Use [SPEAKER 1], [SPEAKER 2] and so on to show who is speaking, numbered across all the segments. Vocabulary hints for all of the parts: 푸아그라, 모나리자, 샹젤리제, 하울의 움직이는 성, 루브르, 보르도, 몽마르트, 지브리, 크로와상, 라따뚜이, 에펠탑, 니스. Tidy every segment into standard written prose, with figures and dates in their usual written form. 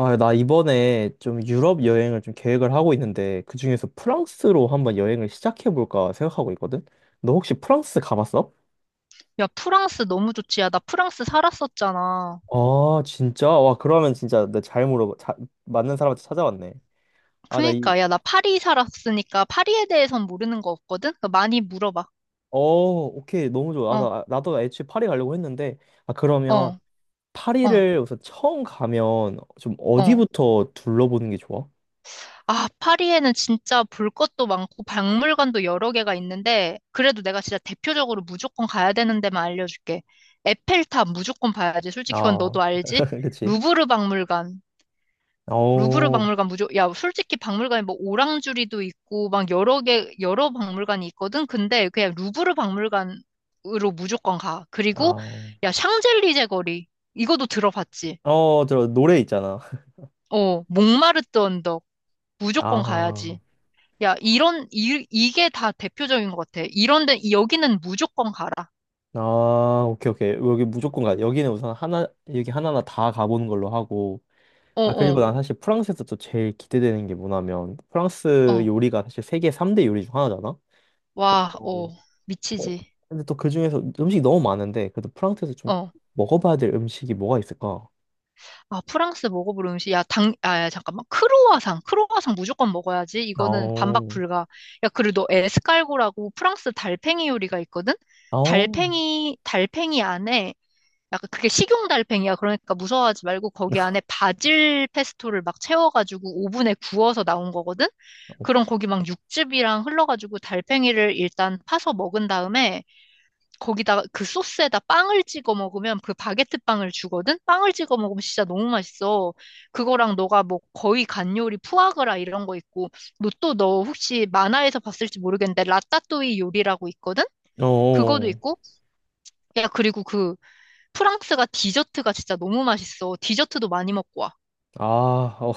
[SPEAKER 1] 아, 나 이번에 좀 유럽 여행을 좀 계획을 하고 있는데 그중에서 프랑스로 한번 여행을 시작해 볼까 생각하고 있거든. 너 혹시 프랑스 가봤어?
[SPEAKER 2] 야, 프랑스 너무 좋지. 야, 나 프랑스 살았었잖아.
[SPEAKER 1] 아, 진짜? 와, 그러면 진짜 나 잘 물어봐. 자, 맞는 사람한테 찾아왔네. 아, 나 이,
[SPEAKER 2] 그니까, 야, 나 파리 살았으니까 파리에 대해선 모르는 거 없거든? 그러니까 많이 물어봐.
[SPEAKER 1] 어, 오케이. 너무 좋아. 아, 나,
[SPEAKER 2] 어,
[SPEAKER 1] 아, 나도 애초에 파리 가려고 했는데, 아, 그러면
[SPEAKER 2] 어, 어,
[SPEAKER 1] 파리를 우선 처음 가면 좀
[SPEAKER 2] 어.
[SPEAKER 1] 어디부터 둘러보는 게 좋아?
[SPEAKER 2] 아, 파리에는 진짜 볼 것도 많고 박물관도 여러 개가 있는데, 그래도 내가 진짜 대표적으로 무조건 가야 되는 데만 알려줄게. 에펠탑 무조건 봐야지. 솔직히 그건
[SPEAKER 1] 아,
[SPEAKER 2] 너도 알지?
[SPEAKER 1] 그치.
[SPEAKER 2] 루브르 박물관, 루브르
[SPEAKER 1] 어,
[SPEAKER 2] 박물관 야, 솔직히 박물관에 뭐 오랑주리도 있고, 막 여러 개, 여러 박물관이 있거든? 근데 그냥 루브르 박물관으로 무조건 가. 그리고,
[SPEAKER 1] 아,
[SPEAKER 2] 야, 샹젤리제 거리. 이것도 들어봤지?
[SPEAKER 1] 어, 저 노래 있잖아.
[SPEAKER 2] 어, 몽마르트 언덕. 무조건 가야지.
[SPEAKER 1] 아.
[SPEAKER 2] 야, 이런, 이, 이게 다 대표적인 것 같아. 이런 데, 여기는 무조건 가라.
[SPEAKER 1] 아, 오케이, 오케이. 여기 무조건 가. 여기는 우선 하나, 여기 하나하나 다 가보는 걸로 하고.
[SPEAKER 2] 어,
[SPEAKER 1] 아, 그리고
[SPEAKER 2] 어,
[SPEAKER 1] 난 사실 프랑스에서 또 제일 기대되는 게 뭐냐면, 프랑스
[SPEAKER 2] 어.
[SPEAKER 1] 요리가 사실 세계 3대 요리 중 하나잖아?
[SPEAKER 2] 와,
[SPEAKER 1] 그래서,
[SPEAKER 2] 어.
[SPEAKER 1] 어,
[SPEAKER 2] 미치지.
[SPEAKER 1] 근데 또 그 중에서 음식이 너무 많은데, 그래도 프랑스에서 좀
[SPEAKER 2] 어.
[SPEAKER 1] 먹어봐야 될 음식이 뭐가 있을까?
[SPEAKER 2] 아, 프랑스 먹어볼 음식. 야, 야, 잠깐만. 크로와상. 크로와상 무조건 먹어야지. 이거는 반박
[SPEAKER 1] 어,
[SPEAKER 2] 불가. 야, 그리고 너 에스칼고라고 프랑스 달팽이 요리가 있거든?
[SPEAKER 1] 어,
[SPEAKER 2] 달팽이 안에, 약간 그게 식용 달팽이야. 그러니까 무서워하지 말고 거기 안에 바질 페스토를 막 채워가지고 오븐에 구워서 나온 거거든? 그럼 거기 막 육즙이랑 흘러가지고 달팽이를 일단 파서 먹은 다음에 거기다가 그 소스에다 빵을 찍어 먹으면 그 바게트 빵을 주거든? 빵을 찍어 먹으면 진짜 너무 맛있어. 그거랑 너가 뭐 거의 간 요리 푸아그라 이런 거 있고, 너 혹시 만화에서 봤을지 모르겠는데 라따뚜이 요리라고 있거든? 그거도
[SPEAKER 1] 어.
[SPEAKER 2] 있고, 야, 그리고 그 프랑스가 디저트가 진짜 너무 맛있어. 디저트도 많이 먹고 와.
[SPEAKER 1] 아, 어,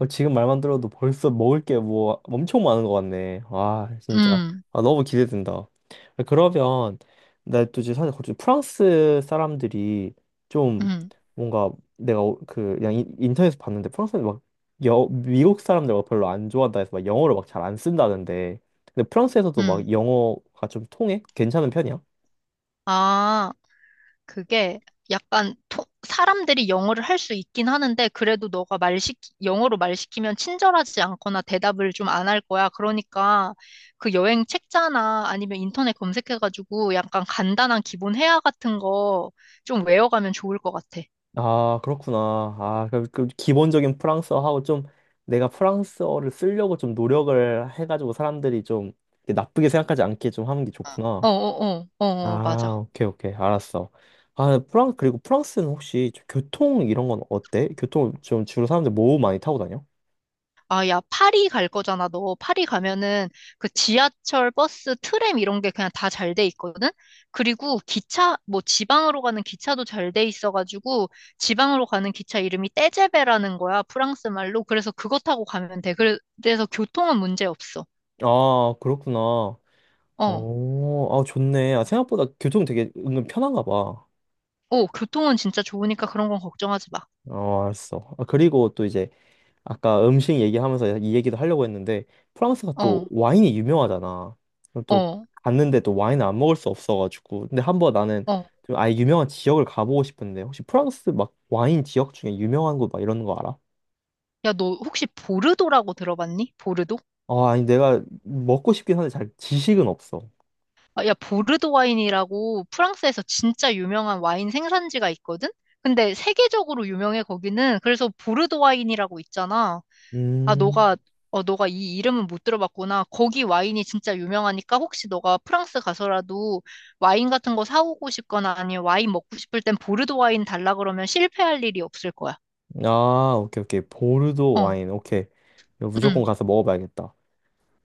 [SPEAKER 1] 어, 지금 말만 들어도 벌써 먹을 게 뭐 엄청 많은 것 같네. 와, 진짜.
[SPEAKER 2] 음,
[SPEAKER 1] 아, 너무 기대된다. 아, 그러면, 나 또 지금 사실 거기 프랑스 사람들이 좀
[SPEAKER 2] 음,
[SPEAKER 1] 뭔가 내가 그 그냥 인터넷에서 봤는데 프랑스는 막 여, 미국 사람들과 별로 안 좋아한다 해서 막 영어를 막 잘 안 쓴다는데. 근데 프랑스에서도
[SPEAKER 2] 음.
[SPEAKER 1] 막 영어가 좀 통해? 괜찮은 편이야?
[SPEAKER 2] 아. 그게 약간 사람들이 영어를 할 수 있긴 하는데 그래도 너가 영어로 말 시키면 친절하지 않거나 대답을 좀 안 할 거야. 그러니까 그 여행 책자나 아니면 인터넷 검색해가지고 약간 간단한 기본 회화 같은 거 좀 외워가면 좋을 것 같아.
[SPEAKER 1] 아, 그렇구나. 아, 그, 그 기본적인 프랑스어하고 좀 내가 프랑스어를 쓰려고 좀 노력을 해가지고 사람들이 좀 이렇게 나쁘게 생각하지 않게 좀 하는 게 좋구나.
[SPEAKER 2] 어어어 어, 어, 어, 어,
[SPEAKER 1] 아,
[SPEAKER 2] 맞아.
[SPEAKER 1] 오케이, 오케이. 알았어. 아, 프랑, 그리고 프랑스는 혹시 좀 교통 이런 건 어때? 교통 좀 주로 사람들 뭐 많이 타고 다녀?
[SPEAKER 2] 아, 야, 파리 갈 거잖아, 너. 파리 가면은 그 지하철, 버스, 트램 이런 게 그냥 다 잘 돼 있거든? 그리고 기차, 뭐 지방으로 가는 기차도 잘 돼 있어가지고 지방으로 가는 기차 이름이 떼제베라는 거야, 프랑스 말로. 그래서 그거 타고 가면 돼. 그래서 교통은 문제 없어.
[SPEAKER 1] 아, 그렇구나.
[SPEAKER 2] 어.
[SPEAKER 1] 오, 아, 좋네. 아, 생각보다 교통 되게 은근 편한가 봐.
[SPEAKER 2] 어, 교통은 진짜 좋으니까 그런 건 걱정하지 마.
[SPEAKER 1] 어, 알았어. 아, 그리고 또 이제 아까 음식 얘기하면서 이 얘기도 하려고 했는데 프랑스가 또
[SPEAKER 2] 어,
[SPEAKER 1] 와인이 유명하잖아. 그럼 또
[SPEAKER 2] 어,
[SPEAKER 1] 갔는데 또 와인을 안 먹을 수 없어가지고. 근데 한번 나는
[SPEAKER 2] 어.
[SPEAKER 1] 좀 아예 유명한 지역을 가보고 싶은데 혹시 프랑스 막 와인 지역 중에 유명한 곳 막 이런 거 알아?
[SPEAKER 2] 야, 너 혹시 보르도라고 들어봤니? 보르도?
[SPEAKER 1] 아, 아니 내가 먹고 싶긴 한데 잘 지식은 없어.
[SPEAKER 2] 아, 야, 보르도 와인이라고 프랑스에서 진짜 유명한 와인 생산지가 있거든? 근데 세계적으로 유명해, 거기는. 그래서 보르도 와인이라고 있잖아. 아,
[SPEAKER 1] 음.
[SPEAKER 2] 너가 이 이름은 못 들어봤구나. 거기 와인이 진짜 유명하니까 혹시 너가 프랑스 가서라도 와인 같은 거 사오고 싶거나 아니면 와인 먹고 싶을 땐 보르도 와인 달라 그러면 실패할 일이 없을 거야.
[SPEAKER 1] 아, 오케이 오케이. 보르도
[SPEAKER 2] 어,
[SPEAKER 1] 와인. 오케이. 이거 무조건
[SPEAKER 2] 응,
[SPEAKER 1] 가서 먹어봐야겠다.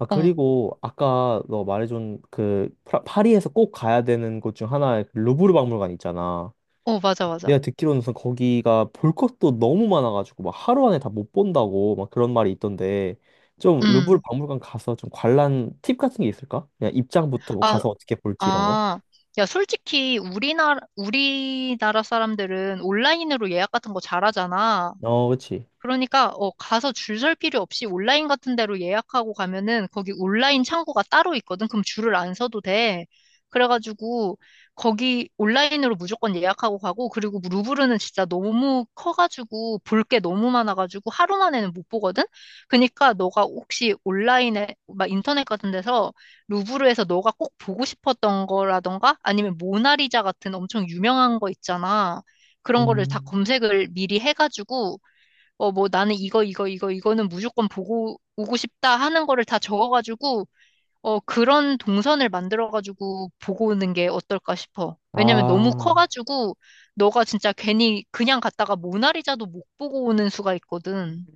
[SPEAKER 1] 아,
[SPEAKER 2] 어,
[SPEAKER 1] 그리고 아까 너 말해준 그 파리에서 꼭 가야 되는 곳 중 하나의 그 루브르 박물관 있잖아.
[SPEAKER 2] 어, 맞아, 맞아.
[SPEAKER 1] 내가 듣기로는 우선 거기가 볼 것도 너무 많아가지고 막 하루 안에 다 못 본다고 막 그런 말이 있던데 좀 루브르
[SPEAKER 2] 음.
[SPEAKER 1] 박물관 가서 좀 관람 팁 같은 게 있을까? 그냥 입장부터 뭐
[SPEAKER 2] 아,
[SPEAKER 1] 가서 어떻게 볼지 이런 거?
[SPEAKER 2] 아, 야, 솔직히 우리나라 사람들은 온라인으로 예약 같은 거 잘하잖아.
[SPEAKER 1] 어, 그치.
[SPEAKER 2] 그러니까 어, 가서 줄 설 필요 없이 온라인 같은 데로 예약하고 가면은 거기 온라인 창구가 따로 있거든. 그럼 줄을 안 서도 돼. 그래가지고 거기 온라인으로 무조건 예약하고 가고 그리고 루브르는 진짜 너무 커가지고 볼 게 너무 많아가지고 하루 만에는 못 보거든. 그러니까 너가 혹시 온라인에 막 인터넷 같은 데서 루브르에서 너가 꼭 보고 싶었던 거라던가 아니면 모나리자 같은 엄청 유명한 거 있잖아. 그런 거를 다
[SPEAKER 1] 음.
[SPEAKER 2] 검색을 미리 해가지고 어, 뭐 나는 이거, 이거, 이거, 이거는 무조건 보고 오고 싶다 하는 거를 다 적어가지고, 어, 그런 동선을 만들어가지고 보고 오는 게 어떨까 싶어. 왜냐면 너무
[SPEAKER 1] 아,
[SPEAKER 2] 커가지고, 너가 진짜 괜히 그냥 갔다가 모나리자도 못 보고 오는 수가 있거든.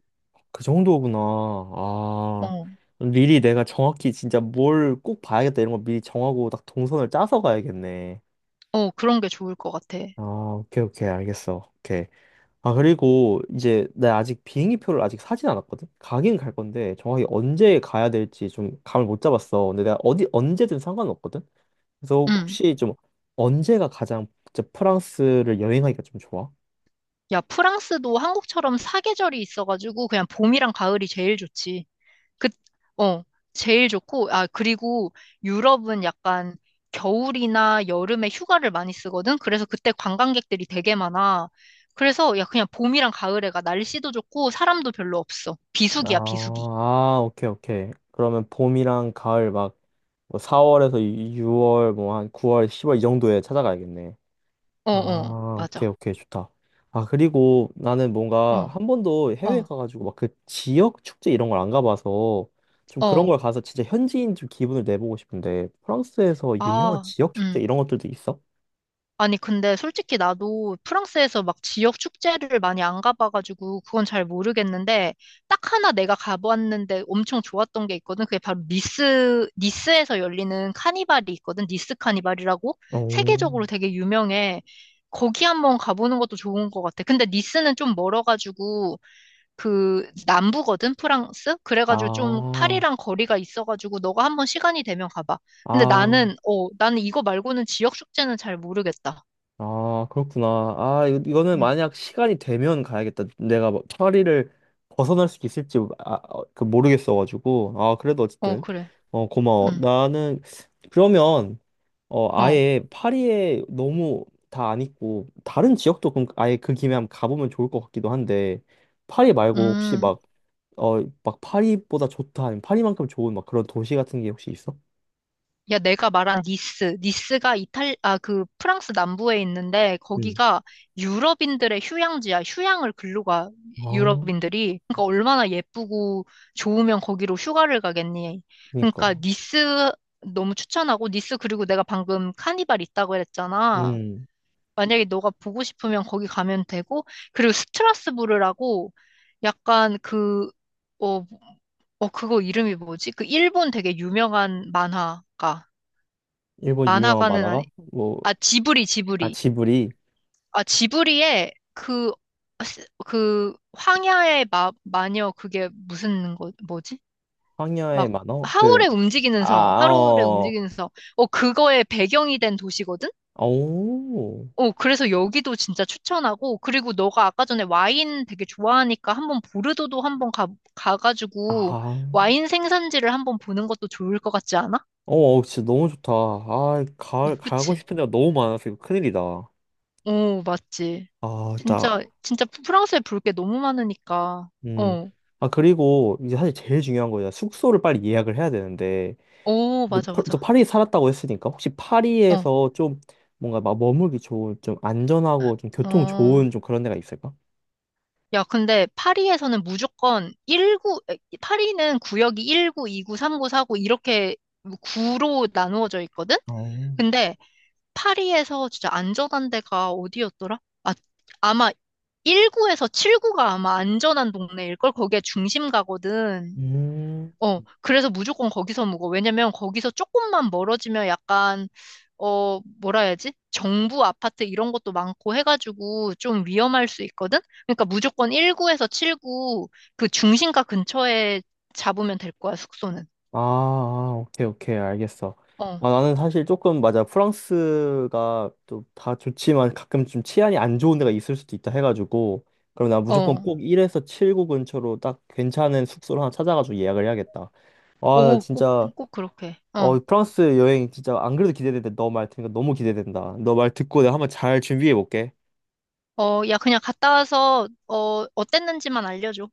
[SPEAKER 1] 그 정도구나. 아,
[SPEAKER 2] 어,
[SPEAKER 1] 미리 내가 정확히 진짜 뭘 꼭 봐야겠다 이런 거 미리 정하고 딱 동선을 짜서 가야겠네.
[SPEAKER 2] 어, 그런 게 좋을 것 같아.
[SPEAKER 1] 아, 오케이, 오케이, 알겠어. 오케이. 아, 그리고 이제 내가 아직 비행기 표를 아직 사진 않았거든? 가긴 갈 건데 정확히 언제 가야 될지 좀 감을 못 잡았어. 근데 내가 어디 언제든 상관없거든? 그래서
[SPEAKER 2] 음
[SPEAKER 1] 혹시 좀 언제가 가장 진짜 프랑스를 여행하기가 좀 좋아?
[SPEAKER 2] 야, 프랑스도 한국처럼 사계절이 있어가지고, 그냥 봄이랑 가을이 제일 좋지. 그, 어, 제일 좋고, 아, 그리고 유럽은 약간 겨울이나 여름에 휴가를 많이 쓰거든? 그래서 그때 관광객들이 되게 많아. 그래서 야, 그냥 봄이랑 가을에 가. 날씨도 좋고, 사람도 별로 없어.
[SPEAKER 1] 아,
[SPEAKER 2] 비수기야, 비수기.
[SPEAKER 1] 아, 오케이, 오케이. 그러면 봄이랑 가을 막뭐 4월에서 6월, 뭐 한 9월, 10월 이 정도에 찾아가야겠네.
[SPEAKER 2] 어, 어,
[SPEAKER 1] 아, 오케이,
[SPEAKER 2] 맞아.
[SPEAKER 1] 오케이, 좋다. 아, 그리고 나는 뭔가
[SPEAKER 2] 어,
[SPEAKER 1] 한 번도 해외
[SPEAKER 2] 어,
[SPEAKER 1] 가가지고 막 그 지역 축제 이런 걸 안 가봐서 좀 그런
[SPEAKER 2] 어.
[SPEAKER 1] 걸 가서 진짜 현지인 좀 기분을 내보고 싶은데 프랑스에서 유명한
[SPEAKER 2] 아,
[SPEAKER 1] 지역 축제
[SPEAKER 2] 음.
[SPEAKER 1] 이런 것들도 있어?
[SPEAKER 2] 아니, 근데 솔직히 나도 프랑스에서 막 지역 축제를 많이 안 가봐가지고 그건 잘 모르겠는데 딱 하나 내가 가봤는데 엄청 좋았던 게 있거든. 그게 바로 니스에서 열리는 카니발이 있거든. 니스 카니발이라고
[SPEAKER 1] 오.
[SPEAKER 2] 세계적으로 되게 유명해. 거기 한번 가보는 것도 좋은 것 같아. 근데 니스는 좀 멀어가지고 그 남부거든, 프랑스? 그래가지고 좀
[SPEAKER 1] 아,
[SPEAKER 2] 파리랑 거리가 있어가지고 너가 한번 시간이 되면 가봐. 근데
[SPEAKER 1] 아,
[SPEAKER 2] 나는 이거 말고는 지역 축제는 잘 모르겠다.
[SPEAKER 1] 아, 그렇구나. 아, 이거는
[SPEAKER 2] 음.
[SPEAKER 1] 만약 시간이 되면 가야겠다. 내가 뭐 파리를 벗어날 수 있을지 아, 어, 그 모르겠어가지고. 아, 그래도
[SPEAKER 2] 어,
[SPEAKER 1] 어쨌든.
[SPEAKER 2] 그래.
[SPEAKER 1] 어, 고마워.
[SPEAKER 2] 응.
[SPEAKER 1] 나는 그러면 어,
[SPEAKER 2] 어.
[SPEAKER 1] 아예 파리에 너무 다 안 있고 다른 지역도 그럼 아예 그 김에 한번 가보면 좋을 것 같기도 한데 파리 말고 혹시
[SPEAKER 2] 음.
[SPEAKER 1] 막 어, 막 파리보다 좋다 아니면 파리만큼 좋은 막 그런 도시 같은 게 혹시 있어?
[SPEAKER 2] 야, 내가 말한 니스. 니스가 아, 그 프랑스 남부에 있는데
[SPEAKER 1] 음.
[SPEAKER 2] 거기가 유럽인들의 휴양지야. 휴양을 글로 가.
[SPEAKER 1] 아,
[SPEAKER 2] 유럽인들이. 그러니까 얼마나 예쁘고 좋으면 거기로 휴가를 가겠니.
[SPEAKER 1] 그니까.
[SPEAKER 2] 그러니까 니스 너무 추천하고 니스 그리고 내가 방금 카니발 있다고 그랬잖아.
[SPEAKER 1] 음,
[SPEAKER 2] 만약에 너가 보고 싶으면 거기 가면 되고, 그리고 스트라스부르라고 약간 그, 어, 어, 그거 이름이 뭐지? 그 일본 되게 유명한 만화가.
[SPEAKER 1] 일본 유명한
[SPEAKER 2] 만화가는
[SPEAKER 1] 만화가?
[SPEAKER 2] 아니,
[SPEAKER 1] 뭐,
[SPEAKER 2] 아, 지브리,
[SPEAKER 1] 아,
[SPEAKER 2] 지브리.
[SPEAKER 1] 지브리,
[SPEAKER 2] 아, 지브리의 그, 황야의 마녀, 그게 무슨 거, 뭐지?
[SPEAKER 1] 황여의
[SPEAKER 2] 막,
[SPEAKER 1] 만화? 그,
[SPEAKER 2] 하울의 움직이는
[SPEAKER 1] 아,
[SPEAKER 2] 성, 하울의
[SPEAKER 1] 어,
[SPEAKER 2] 움직이는 성. 어, 그거의 배경이 된 도시거든?
[SPEAKER 1] 오,
[SPEAKER 2] 어, 그래서 여기도 진짜 추천하고, 그리고 너가 아까 전에 와인 되게 좋아하니까 한 번 보르도도 한 번 가가지고
[SPEAKER 1] 아,
[SPEAKER 2] 와인 생산지를 한번 보는 것도 좋을 것 같지 않아?
[SPEAKER 1] 어, 진짜 너무 좋다. 아,
[SPEAKER 2] 오,
[SPEAKER 1] 가, 가고
[SPEAKER 2] 그치?
[SPEAKER 1] 싶은 데가 너무 많아서 이거 큰일이다.
[SPEAKER 2] 오, 맞지.
[SPEAKER 1] 아, 진짜
[SPEAKER 2] 진짜, 진짜 프랑스에 볼 게 너무 많으니까.
[SPEAKER 1] 음.
[SPEAKER 2] 어,
[SPEAKER 1] 아, 그리고 이제 사실 제일 중요한 거예요. 숙소를 빨리 예약을 해야 되는데,
[SPEAKER 2] 오,
[SPEAKER 1] 너,
[SPEAKER 2] 맞아,
[SPEAKER 1] 너
[SPEAKER 2] 맞아.
[SPEAKER 1] 파리 살았다고 했으니까, 혹시
[SPEAKER 2] 어,
[SPEAKER 1] 파리에서 좀 뭔가 막 머물기 좋은, 좀 안전하고 좀 교통
[SPEAKER 2] 어.
[SPEAKER 1] 좋은 좀 그런 데가 있을까?
[SPEAKER 2] 야, 근데 파리에서는 무조건 1구 에, 파리는 구역이 19, 29, 39, 4구 이렇게 구로 나누어져 있거든?
[SPEAKER 1] 어,
[SPEAKER 2] 근데 파리에서 진짜 안전한 데가 어디였더라? 아, 아마 1구에서 7구가 아마 안전한 동네일걸? 거기에 중심 가거든.
[SPEAKER 1] 음.
[SPEAKER 2] 어, 그래서 무조건 거기서 묵어. 왜냐면 거기서 조금만 멀어지면 약간, 어, 뭐라 해야지? 정부 아파트 이런 것도 많고 해가지고 좀 위험할 수 있거든? 그러니까 무조건 1구에서 7구 그 중심가 근처에 잡으면 될 거야, 숙소는.
[SPEAKER 1] 아, 아, 오케이, 오케이, 알겠어.
[SPEAKER 2] 어,
[SPEAKER 1] 아, 나는 사실 조금, 맞아, 프랑스가 또 다 좋지만 가끔 좀 치안이 안 좋은 데가 있을 수도 있다 해가지고, 그럼 나 무조건
[SPEAKER 2] 어.
[SPEAKER 1] 꼭 1에서 7구 근처로 딱 괜찮은 숙소를 하나 찾아가지고 예약을 해야겠다. 아, 나
[SPEAKER 2] 오, 꼭,
[SPEAKER 1] 진짜
[SPEAKER 2] 꼭 그렇게. 어.
[SPEAKER 1] 어, 프랑스 여행 진짜 안 그래도 기대되는데 너 말 듣니까 너무 기대된다. 너 말 듣고 내가 한번 잘 준비해 볼게.
[SPEAKER 2] 어, 야, 그냥 갔다 와서, 어, 어땠는지만 알려줘.